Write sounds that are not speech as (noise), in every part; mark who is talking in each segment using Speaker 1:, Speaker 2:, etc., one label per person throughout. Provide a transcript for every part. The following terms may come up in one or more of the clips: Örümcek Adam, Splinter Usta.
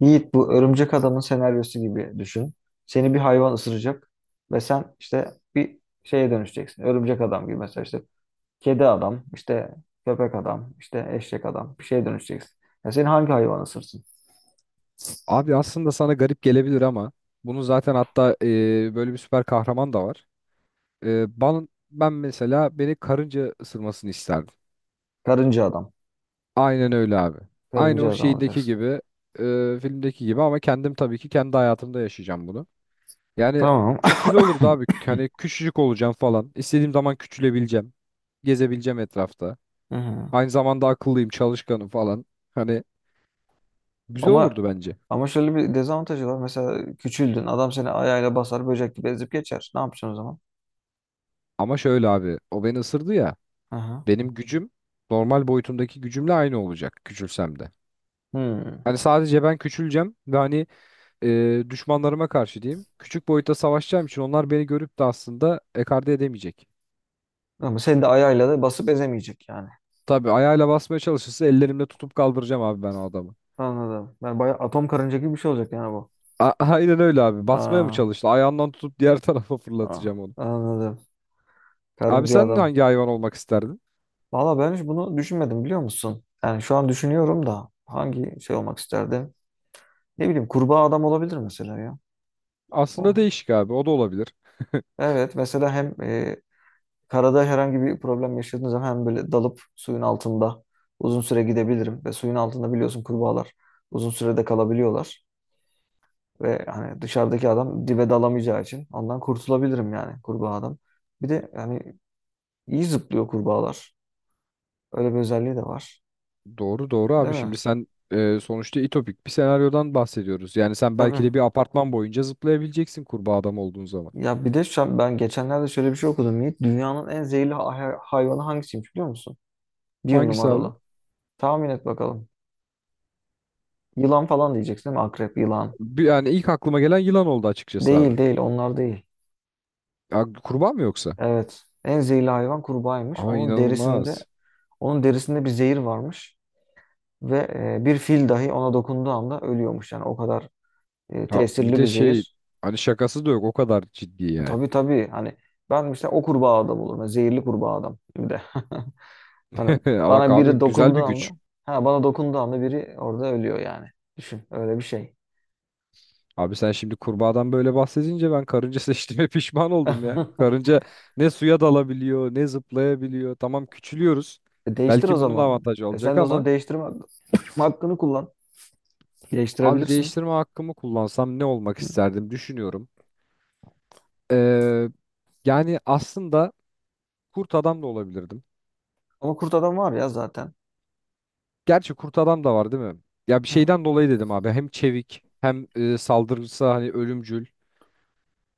Speaker 1: Yiğit bu Örümcek Adam'ın senaryosu gibi düşün. Seni bir hayvan ısıracak ve sen işte bir şeye dönüşeceksin. Örümcek adam gibi mesela işte kedi adam, işte köpek adam, işte eşek adam bir şeye dönüşeceksin. Ya seni hangi hayvan ısırsın?
Speaker 2: Abi aslında sana garip gelebilir ama bunu zaten hatta böyle bir süper kahraman da var. Ben mesela beni karınca ısırmasını isterdim.
Speaker 1: Karınca adam.
Speaker 2: Aynen öyle abi. Aynı
Speaker 1: Karınca
Speaker 2: o
Speaker 1: adam
Speaker 2: şeydeki
Speaker 1: olacaksın.
Speaker 2: gibi, filmdeki gibi ama kendim tabii ki kendi hayatımda yaşayacağım bunu. Yani
Speaker 1: Tamam.
Speaker 2: çok güzel olurdu abi.
Speaker 1: (coughs)
Speaker 2: Hani küçücük olacağım falan. İstediğim zaman küçülebileceğim. Gezebileceğim etrafta.
Speaker 1: Hı hı.
Speaker 2: Aynı zamanda akıllıyım, çalışkanım falan. Hani güzel
Speaker 1: Ama
Speaker 2: olurdu bence.
Speaker 1: ama şöyle bir dezavantajı var. Mesela küçüldün. Adam seni ayağıyla basar, böcek gibi ezip geçer. Ne yapacaksın o zaman?
Speaker 2: Ama şöyle abi, o beni ısırdı ya.
Speaker 1: Hı hı.
Speaker 2: Benim gücüm normal boyutumdaki gücümle aynı olacak küçülsem de.
Speaker 1: Hmm.
Speaker 2: Hani sadece ben küçüleceğim ve hani düşmanlarıma karşı diyeyim. Küçük boyutta savaşacağım için onlar beni görüp de aslında ekarte edemeyecek.
Speaker 1: Ama seni de ayağıyla da basıp ezemeyecek yani.
Speaker 2: Tabii ayağıyla basmaya çalışırsa ellerimle tutup kaldıracağım abi ben o adamı.
Speaker 1: Anladım. Ben bayağı atom karınca gibi bir şey olacak yani bu.
Speaker 2: Aynen öyle abi. Basmaya mı
Speaker 1: Aa,
Speaker 2: çalıştı? Ayağından tutup diğer (laughs) tarafa
Speaker 1: aa,
Speaker 2: fırlatacağım onu.
Speaker 1: anladım.
Speaker 2: Abi
Speaker 1: Karınca
Speaker 2: sen
Speaker 1: adam.
Speaker 2: hangi hayvan olmak isterdin?
Speaker 1: Valla ben hiç bunu düşünmedim biliyor musun? Yani şu an düşünüyorum da hangi şey olmak isterdim? Ne bileyim kurbağa adam olabilir mesela ya.
Speaker 2: Aslında
Speaker 1: O.
Speaker 2: değişik abi. O da olabilir. (laughs)
Speaker 1: Evet mesela hem karada herhangi bir problem yaşadığınız zaman hem böyle dalıp suyun altında uzun süre gidebilirim. Ve suyun altında biliyorsun kurbağalar uzun sürede kalabiliyorlar. Ve hani dışarıdaki adam dibe dalamayacağı için ondan kurtulabilirim yani kurbağa adam. Bir de yani İyi zıplıyor kurbağalar. Öyle bir özelliği de var.
Speaker 2: Doğru doğru abi,
Speaker 1: Değil mi?
Speaker 2: şimdi sen sonuçta itopik bir senaryodan bahsediyoruz. Yani sen belki
Speaker 1: Tabii.
Speaker 2: de bir apartman boyunca zıplayabileceksin kurbağa adam olduğun zaman.
Speaker 1: Ya bir de şu an ben geçenlerde şöyle bir şey okudum Yiğit. Dünyanın en zehirli hayvanı hangisiymiş biliyor musun? Bir
Speaker 2: Hangisi abi?
Speaker 1: numaralı. Tahmin et bakalım. Yılan falan diyeceksin değil mi? Akrep, yılan.
Speaker 2: Bir, yani ilk aklıma gelen yılan oldu açıkçası
Speaker 1: Değil
Speaker 2: abi.
Speaker 1: değil onlar değil.
Speaker 2: Ya, kurbağa mı yoksa?
Speaker 1: Evet. En zehirli hayvan kurbağaymış.
Speaker 2: Aa,
Speaker 1: Onun derisinde
Speaker 2: inanılmaz.
Speaker 1: onun derisinde bir zehir varmış. Ve bir fil dahi ona dokunduğu anda ölüyormuş. Yani o kadar
Speaker 2: Ha, bir
Speaker 1: tesirli bir
Speaker 2: de şey,
Speaker 1: zehir.
Speaker 2: hani şakası da yok, o kadar ciddi yani.
Speaker 1: Tabii tabii. Hani ben mesela o kurbağa adam olurum. Yani zehirli kurbağa adam bir de. (laughs) Hani
Speaker 2: (laughs) Ama bak
Speaker 1: bana
Speaker 2: abi,
Speaker 1: biri
Speaker 2: güzel bir
Speaker 1: dokunduğu anda,
Speaker 2: güç.
Speaker 1: ha bana dokunduğu anda biri orada ölüyor yani. Düşün öyle bir şey.
Speaker 2: Abi sen şimdi kurbağadan böyle bahsedince ben karınca seçtiğime (laughs) pişman oldum ya.
Speaker 1: (laughs)
Speaker 2: Karınca ne suya dalabiliyor ne zıplayabiliyor. Tamam küçülüyoruz.
Speaker 1: E değiştir o
Speaker 2: Belki bunun
Speaker 1: zaman.
Speaker 2: avantajı
Speaker 1: E
Speaker 2: olacak
Speaker 1: sen de o zaman
Speaker 2: ama
Speaker 1: değiştirme hakkını kullan.
Speaker 2: abi
Speaker 1: Değiştirebilirsin.
Speaker 2: değiştirme hakkımı kullansam ne olmak
Speaker 1: Hı.
Speaker 2: isterdim düşünüyorum. Ee, Yani aslında kurt adam da olabilirdim.
Speaker 1: Ama kurt adam var ya zaten.
Speaker 2: Gerçi kurt adam da var değil mi? Ya bir
Speaker 1: Ha.
Speaker 2: şeyden dolayı dedim abi. Hem çevik hem saldırısı hani ölümcül.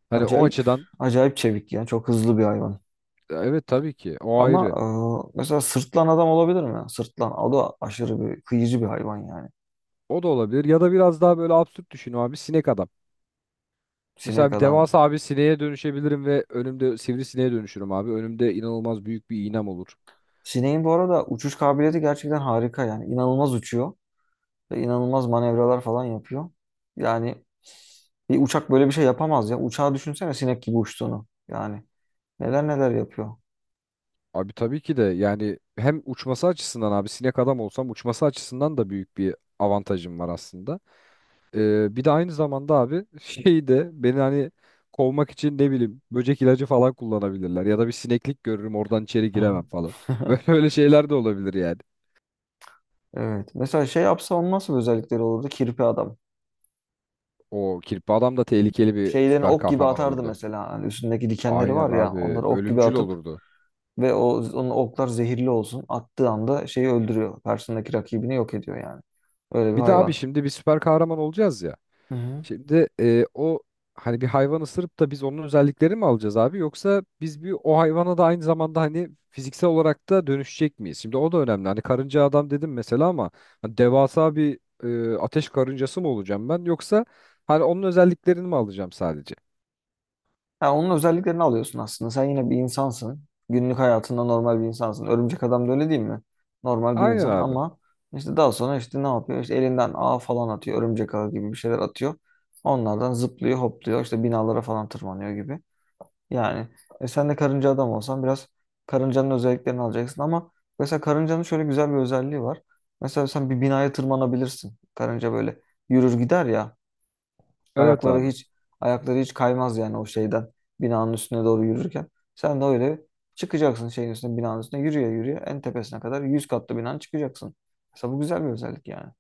Speaker 2: Hani o
Speaker 1: Acayip
Speaker 2: açıdan
Speaker 1: acayip çevik ya. Çok hızlı bir hayvan.
Speaker 2: evet, tabii ki o
Speaker 1: Ama
Speaker 2: ayrı.
Speaker 1: mesela sırtlan adam olabilir mi? Sırtlan. O da aşırı bir kıyıcı bir hayvan yani.
Speaker 2: O da olabilir. Ya da biraz daha böyle absürt düşün abi, sinek adam.
Speaker 1: Sinek
Speaker 2: Mesela bir
Speaker 1: adam.
Speaker 2: devasa abi sineğe dönüşebilirim ve önümde sivrisineğe dönüşürüm abi. Önümde inanılmaz büyük bir iğnem olur.
Speaker 1: Sineğin bu arada uçuş kabiliyeti gerçekten harika yani. İnanılmaz uçuyor ve inanılmaz manevralar falan yapıyor. Yani bir uçak böyle bir şey yapamaz ya. Uçağı düşünsene sinek gibi uçtuğunu. Yani neler neler yapıyor.
Speaker 2: Abi tabii ki de yani hem uçması açısından abi sinek adam olsam uçması açısından da büyük bir avantajım var aslında. Bir de aynı zamanda abi (laughs) şeyi de beni hani kovmak için ne bileyim böcek ilacı falan kullanabilirler ya da bir sineklik görürüm oradan içeri
Speaker 1: Aha.
Speaker 2: giremem falan. (laughs)
Speaker 1: (laughs)
Speaker 2: Böyle öyle şeyler de olabilir yani.
Speaker 1: Evet. Mesela şey yapsa onun nasıl bir özellikleri olurdu? Kirpi adam.
Speaker 2: O kirpi adam da tehlikeli bir
Speaker 1: Şeylerini
Speaker 2: süper
Speaker 1: ok gibi
Speaker 2: kahraman
Speaker 1: atardı
Speaker 2: olurdu.
Speaker 1: mesela. Hani üstündeki dikenleri
Speaker 2: Aynen
Speaker 1: var ya
Speaker 2: abi,
Speaker 1: onları ok gibi
Speaker 2: ölümcül
Speaker 1: atıp
Speaker 2: olurdu.
Speaker 1: ve o onun oklar zehirli olsun. Attığı anda şeyi öldürüyor. Karşısındaki rakibini yok ediyor yani. Öyle bir
Speaker 2: Bir de abi
Speaker 1: hayvan.
Speaker 2: şimdi bir süper kahraman olacağız ya.
Speaker 1: Hı hı.
Speaker 2: Şimdi o hani bir hayvan ısırıp da biz onun özelliklerini mi alacağız abi, yoksa biz bir o hayvana da aynı zamanda hani fiziksel olarak da dönüşecek miyiz? Şimdi o da önemli. Hani karınca adam dedim mesela ama hani devasa bir ateş karıncası mı olacağım ben, yoksa hani onun özelliklerini mi alacağım sadece?
Speaker 1: Ha, onun özelliklerini alıyorsun aslında. Sen yine bir insansın. Günlük hayatında normal bir insansın. Örümcek adam da öyle değil mi? Normal bir
Speaker 2: Aynen
Speaker 1: insan
Speaker 2: abi.
Speaker 1: ama işte daha sonra işte ne yapıyor? İşte elinden ağ falan atıyor. Örümcek ağı gibi bir şeyler atıyor. Onlardan zıplıyor, hopluyor. İşte binalara falan tırmanıyor gibi. Yani sen de karınca adam olsan biraz karıncanın özelliklerini alacaksın ama mesela karıncanın şöyle güzel bir özelliği var. Mesela sen bir binaya tırmanabilirsin. Karınca böyle yürür gider ya.
Speaker 2: Evet
Speaker 1: Ayakları
Speaker 2: abi.
Speaker 1: hiç ayakları hiç kaymaz yani o şeyden binanın üstüne doğru yürürken. Sen de öyle çıkacaksın şeyin üstüne binanın üstüne yürüye yürüye en tepesine kadar 100 katlı binanın çıkacaksın. Mesela bu güzel bir özellik yani.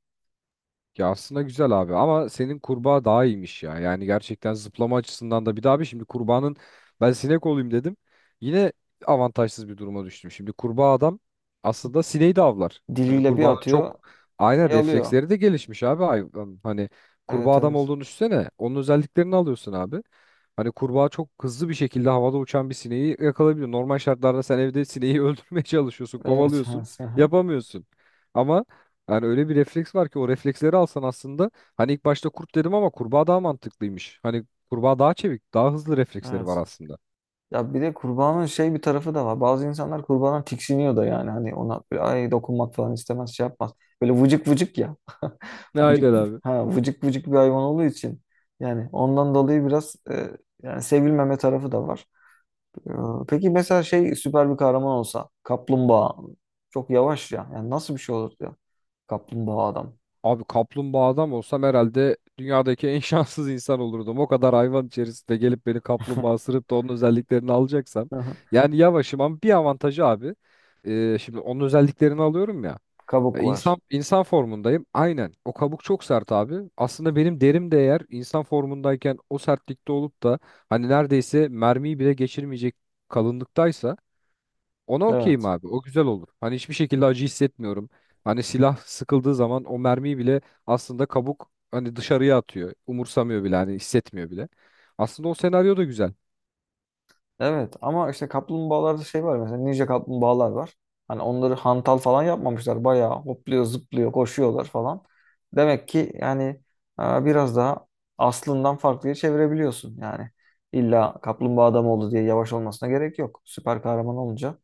Speaker 2: Ya aslında güzel abi ama senin kurbağa daha iyiymiş ya. Yani gerçekten zıplama açısından da bir daha bir şimdi kurbağanın ben sinek olayım dedim. Yine avantajsız bir duruma düştüm. Şimdi kurbağa adam aslında sineği de avlar. Hani
Speaker 1: Diliyle bir
Speaker 2: kurbağanın
Speaker 1: atıyor
Speaker 2: çok aynen
Speaker 1: şey alıyor.
Speaker 2: refleksleri de gelişmiş abi hayvan. Hani kurbağa
Speaker 1: Evet
Speaker 2: adam
Speaker 1: evet.
Speaker 2: olduğunu düşünsene. Onun özelliklerini alıyorsun abi. Hani kurbağa çok hızlı bir şekilde havada uçan bir sineği yakalayabiliyor. Normal şartlarda sen evde sineği (laughs) öldürmeye çalışıyorsun,
Speaker 1: Evet.
Speaker 2: kovalıyorsun,
Speaker 1: (laughs)
Speaker 2: yapamıyorsun. Ama yani öyle bir refleks var ki o refleksleri alsan aslında hani ilk başta kurt dedim ama kurbağa daha mantıklıymış. Hani kurbağa daha çevik, daha hızlı refleksleri var
Speaker 1: Evet.
Speaker 2: aslında.
Speaker 1: Ya bir de kurbanın şey bir tarafı da var. Bazı insanlar kurbandan tiksiniyor da yani. Hani ona böyle ay dokunmak falan istemez şey yapmaz. Böyle vıcık vıcık ya. (laughs)
Speaker 2: Ne? Aynen
Speaker 1: Vıcık,
Speaker 2: abi.
Speaker 1: ha, vıcık vıcık bir hayvan olduğu için. Yani ondan dolayı biraz yani sevilmeme tarafı da var. E, peki mesela şey süper bir kahraman olsa. Kaplumbağa. Çok yavaş ya. Yani nasıl bir şey olur ya? Kaplumbağa adam.
Speaker 2: Abi kaplumbağa adam olsam herhalde dünyadaki en (laughs) şanssız insan olurdum. O kadar hayvan içerisinde gelip beni kaplumbağa ısırıp da onun özelliklerini alacaksam.
Speaker 1: (laughs)
Speaker 2: Yani yavaşım ama bir avantajı abi. Şimdi onun özelliklerini alıyorum ya.
Speaker 1: Kabuk
Speaker 2: İnsan
Speaker 1: var.
Speaker 2: insan formundayım. Aynen. O kabuk çok sert abi. Aslında benim derim de eğer insan formundayken o sertlikte olup da hani neredeyse mermiyi bile geçirmeyecek kalınlıktaysa ona okeyim
Speaker 1: Evet.
Speaker 2: abi. O güzel olur. Hani hiçbir şekilde acı hissetmiyorum. Hani silah sıkıldığı zaman o mermiyi bile aslında kabuk hani dışarıya atıyor. Umursamıyor bile, hani hissetmiyor bile. Aslında o senaryo da güzel.
Speaker 1: Evet ama işte kaplumbağalarda şey var mesela ninja kaplumbağalar var. Hani onları hantal falan yapmamışlar. Bayağı hopluyor, zıplıyor, koşuyorlar falan. Demek ki yani biraz daha aslından farklıya çevirebiliyorsun. Yani illa kaplumbağa adam oldu diye yavaş olmasına gerek yok. Süper kahraman olunca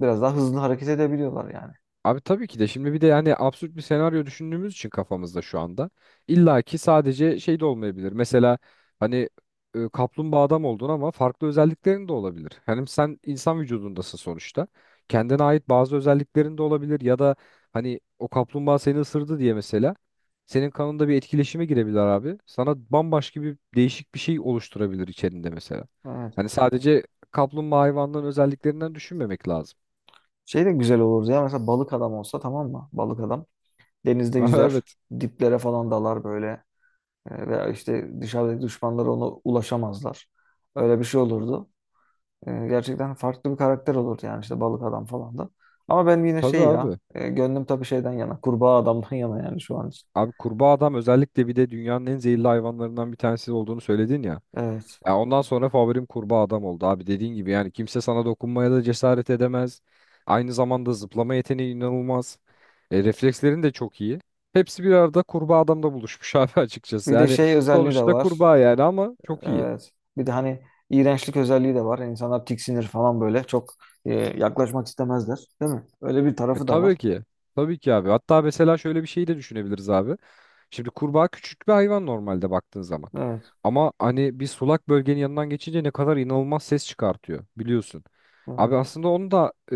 Speaker 1: biraz daha hızlı hareket edebiliyorlar yani.
Speaker 2: Abi tabii ki de şimdi bir de yani absürt bir senaryo düşündüğümüz için kafamızda şu anda illa ki sadece şey de olmayabilir. Mesela hani kaplumbağa adam oldun ama farklı özelliklerin de olabilir. Hani sen insan vücudundasın sonuçta. Kendine ait bazı özelliklerin de olabilir ya da hani o kaplumbağa seni ısırdı diye mesela senin kanında bir etkileşime girebilir abi. Sana bambaşka bir değişik bir şey oluşturabilir içerinde mesela.
Speaker 1: Evet.
Speaker 2: Hani sadece kaplumbağa hayvanların özelliklerinden düşünmemek lazım.
Speaker 1: Şey de güzel olurdu ya mesela balık adam olsa tamam mı? Balık adam denizde
Speaker 2: (laughs)
Speaker 1: yüzer,
Speaker 2: Evet.
Speaker 1: diplere falan dalar böyle. Veya işte dışarıdaki düşmanları ona ulaşamazlar. Öyle bir şey olurdu. Gerçekten farklı bir karakter olurdu yani işte balık adam falan da. Ama ben yine
Speaker 2: Tabii
Speaker 1: şey ya
Speaker 2: abi.
Speaker 1: gönlüm tabii şeyden yana kurbağa adamdan (laughs) yana yani şu an için.
Speaker 2: Abi kurbağa adam özellikle bir de dünyanın en zehirli hayvanlarından bir tanesi olduğunu söyledin ya.
Speaker 1: Evet.
Speaker 2: Ya ondan sonra favorim kurbağa adam oldu abi, dediğin gibi yani kimse sana dokunmaya da cesaret edemez. Aynı zamanda zıplama yeteneği inanılmaz. E, reflekslerin de çok iyi. Hepsi bir arada kurbağa adamda buluşmuş abi (laughs) açıkçası.
Speaker 1: Bir de
Speaker 2: Yani
Speaker 1: şey özelliği de
Speaker 2: sonuçta
Speaker 1: var.
Speaker 2: kurbağa yani ama çok iyi.
Speaker 1: Evet. Bir de hani iğrençlik özelliği de var. İnsanlar tiksinir falan böyle. Çok yaklaşmak istemezler. Değil mi? Öyle bir
Speaker 2: E,
Speaker 1: tarafı da var.
Speaker 2: tabii ki. Tabii ki abi. Hatta mesela şöyle bir şey de düşünebiliriz abi. Şimdi kurbağa küçük bir hayvan normalde baktığın zaman.
Speaker 1: Evet.
Speaker 2: Ama hani bir sulak bölgenin yanından geçince ne kadar inanılmaz ses çıkartıyor biliyorsun.
Speaker 1: Evet.
Speaker 2: Abi aslında onu da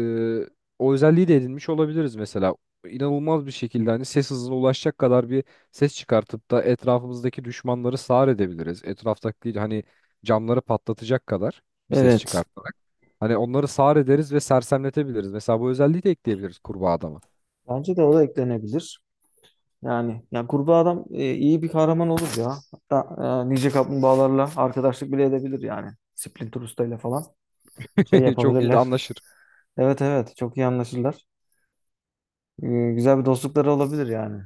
Speaker 2: o özelliği de edinmiş olabiliriz mesela. İnanılmaz bir şekilde hani ses hızına ulaşacak kadar bir ses çıkartıp da etrafımızdaki düşmanları sağır edebiliriz. Etraftaki hani camları patlatacak kadar bir ses
Speaker 1: Evet.
Speaker 2: çıkart. Hani onları sağır ederiz ve sersemletebiliriz. Mesela bu özelliği de ekleyebiliriz kurbağa adama.
Speaker 1: Bence de o da eklenebilir. Yani ya kurbağa adam iyi bir kahraman olur ya. Hatta nice kaplumbağalarla arkadaşlık bile edebilir yani. Splinter Usta ile falan şey
Speaker 2: (laughs) Çok iyi de
Speaker 1: yapabilirler.
Speaker 2: anlaşır.
Speaker 1: Evet evet çok iyi anlaşırlar. E, güzel bir dostlukları olabilir yani.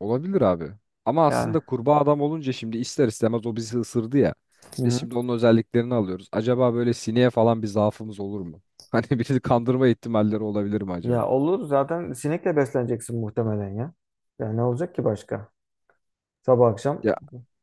Speaker 2: Olabilir abi. Ama
Speaker 1: Yani.
Speaker 2: aslında kurbağa adam olunca şimdi ister istemez o bizi ısırdı ya.
Speaker 1: Hı
Speaker 2: Biz
Speaker 1: hı.
Speaker 2: şimdi onun özelliklerini alıyoruz. Acaba böyle sineğe falan bir zaafımız olur mu? (laughs) Hani bizi kandırma ihtimalleri olabilir mi
Speaker 1: Ya
Speaker 2: acaba?
Speaker 1: olur zaten sinekle besleneceksin muhtemelen ya. Ya ne olacak ki başka? Sabah akşam
Speaker 2: Ya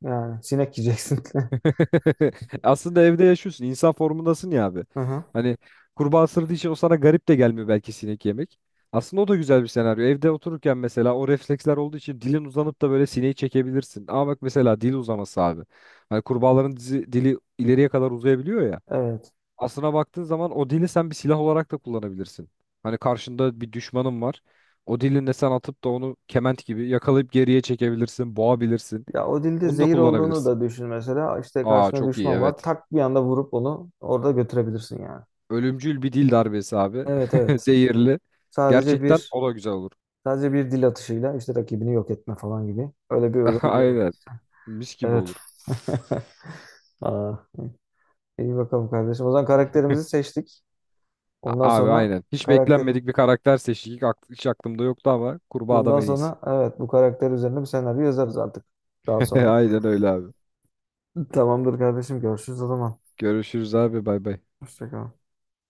Speaker 1: yani sinek yiyeceksin. (laughs)
Speaker 2: (laughs) aslında evde yaşıyorsun. İnsan formundasın ya abi.
Speaker 1: Hı hı.
Speaker 2: Hani kurbağa ısırdığı için o sana garip de gelmiyor belki sinek yemek. Aslında o da güzel bir senaryo. Evde otururken mesela o refleksler olduğu için dilin uzanıp da böyle sineği çekebilirsin. Ama bak mesela dil uzaması abi. Hani kurbağaların dizi, dili ileriye kadar uzayabiliyor ya.
Speaker 1: Evet.
Speaker 2: Aslına baktığın zaman o dili sen bir silah olarak da kullanabilirsin. Hani karşında bir düşmanın var. O dilinle sen atıp da onu kement gibi yakalayıp geriye çekebilirsin, boğabilirsin.
Speaker 1: Ya o dilde
Speaker 2: Onu da
Speaker 1: zehir olduğunu
Speaker 2: kullanabilirsin.
Speaker 1: da düşün mesela. İşte
Speaker 2: Aa,
Speaker 1: karşına
Speaker 2: çok iyi,
Speaker 1: düşman var.
Speaker 2: evet.
Speaker 1: Tak bir anda vurup onu orada götürebilirsin yani.
Speaker 2: Ölümcül bir dil darbesi abi.
Speaker 1: Evet
Speaker 2: (laughs)
Speaker 1: evet.
Speaker 2: Zehirli.
Speaker 1: Sadece
Speaker 2: Gerçekten
Speaker 1: bir
Speaker 2: o da güzel olur.
Speaker 1: sadece bir dil atışıyla işte rakibini yok etme falan gibi. Öyle bir
Speaker 2: (laughs)
Speaker 1: özelliği
Speaker 2: Aynen.
Speaker 1: olabilir.
Speaker 2: Mis gibi
Speaker 1: Evet.
Speaker 2: olur.
Speaker 1: (laughs) Aa, iyi bakalım kardeşim. O zaman karakterimizi seçtik. Ondan
Speaker 2: Abi
Speaker 1: sonra
Speaker 2: aynen. Hiç
Speaker 1: karakterim.
Speaker 2: beklenmedik bir karakter seçtik. Hiç aklımda yoktu ama kurbağa adam
Speaker 1: Bundan
Speaker 2: en iyisi.
Speaker 1: sonra evet bu karakter üzerine bir senaryo yazarız artık. Daha
Speaker 2: (laughs)
Speaker 1: sonra.
Speaker 2: Aynen öyle abi.
Speaker 1: Tamamdır kardeşim. Görüşürüz o zaman.
Speaker 2: Görüşürüz abi. Bay bay.
Speaker 1: Hoşça kal.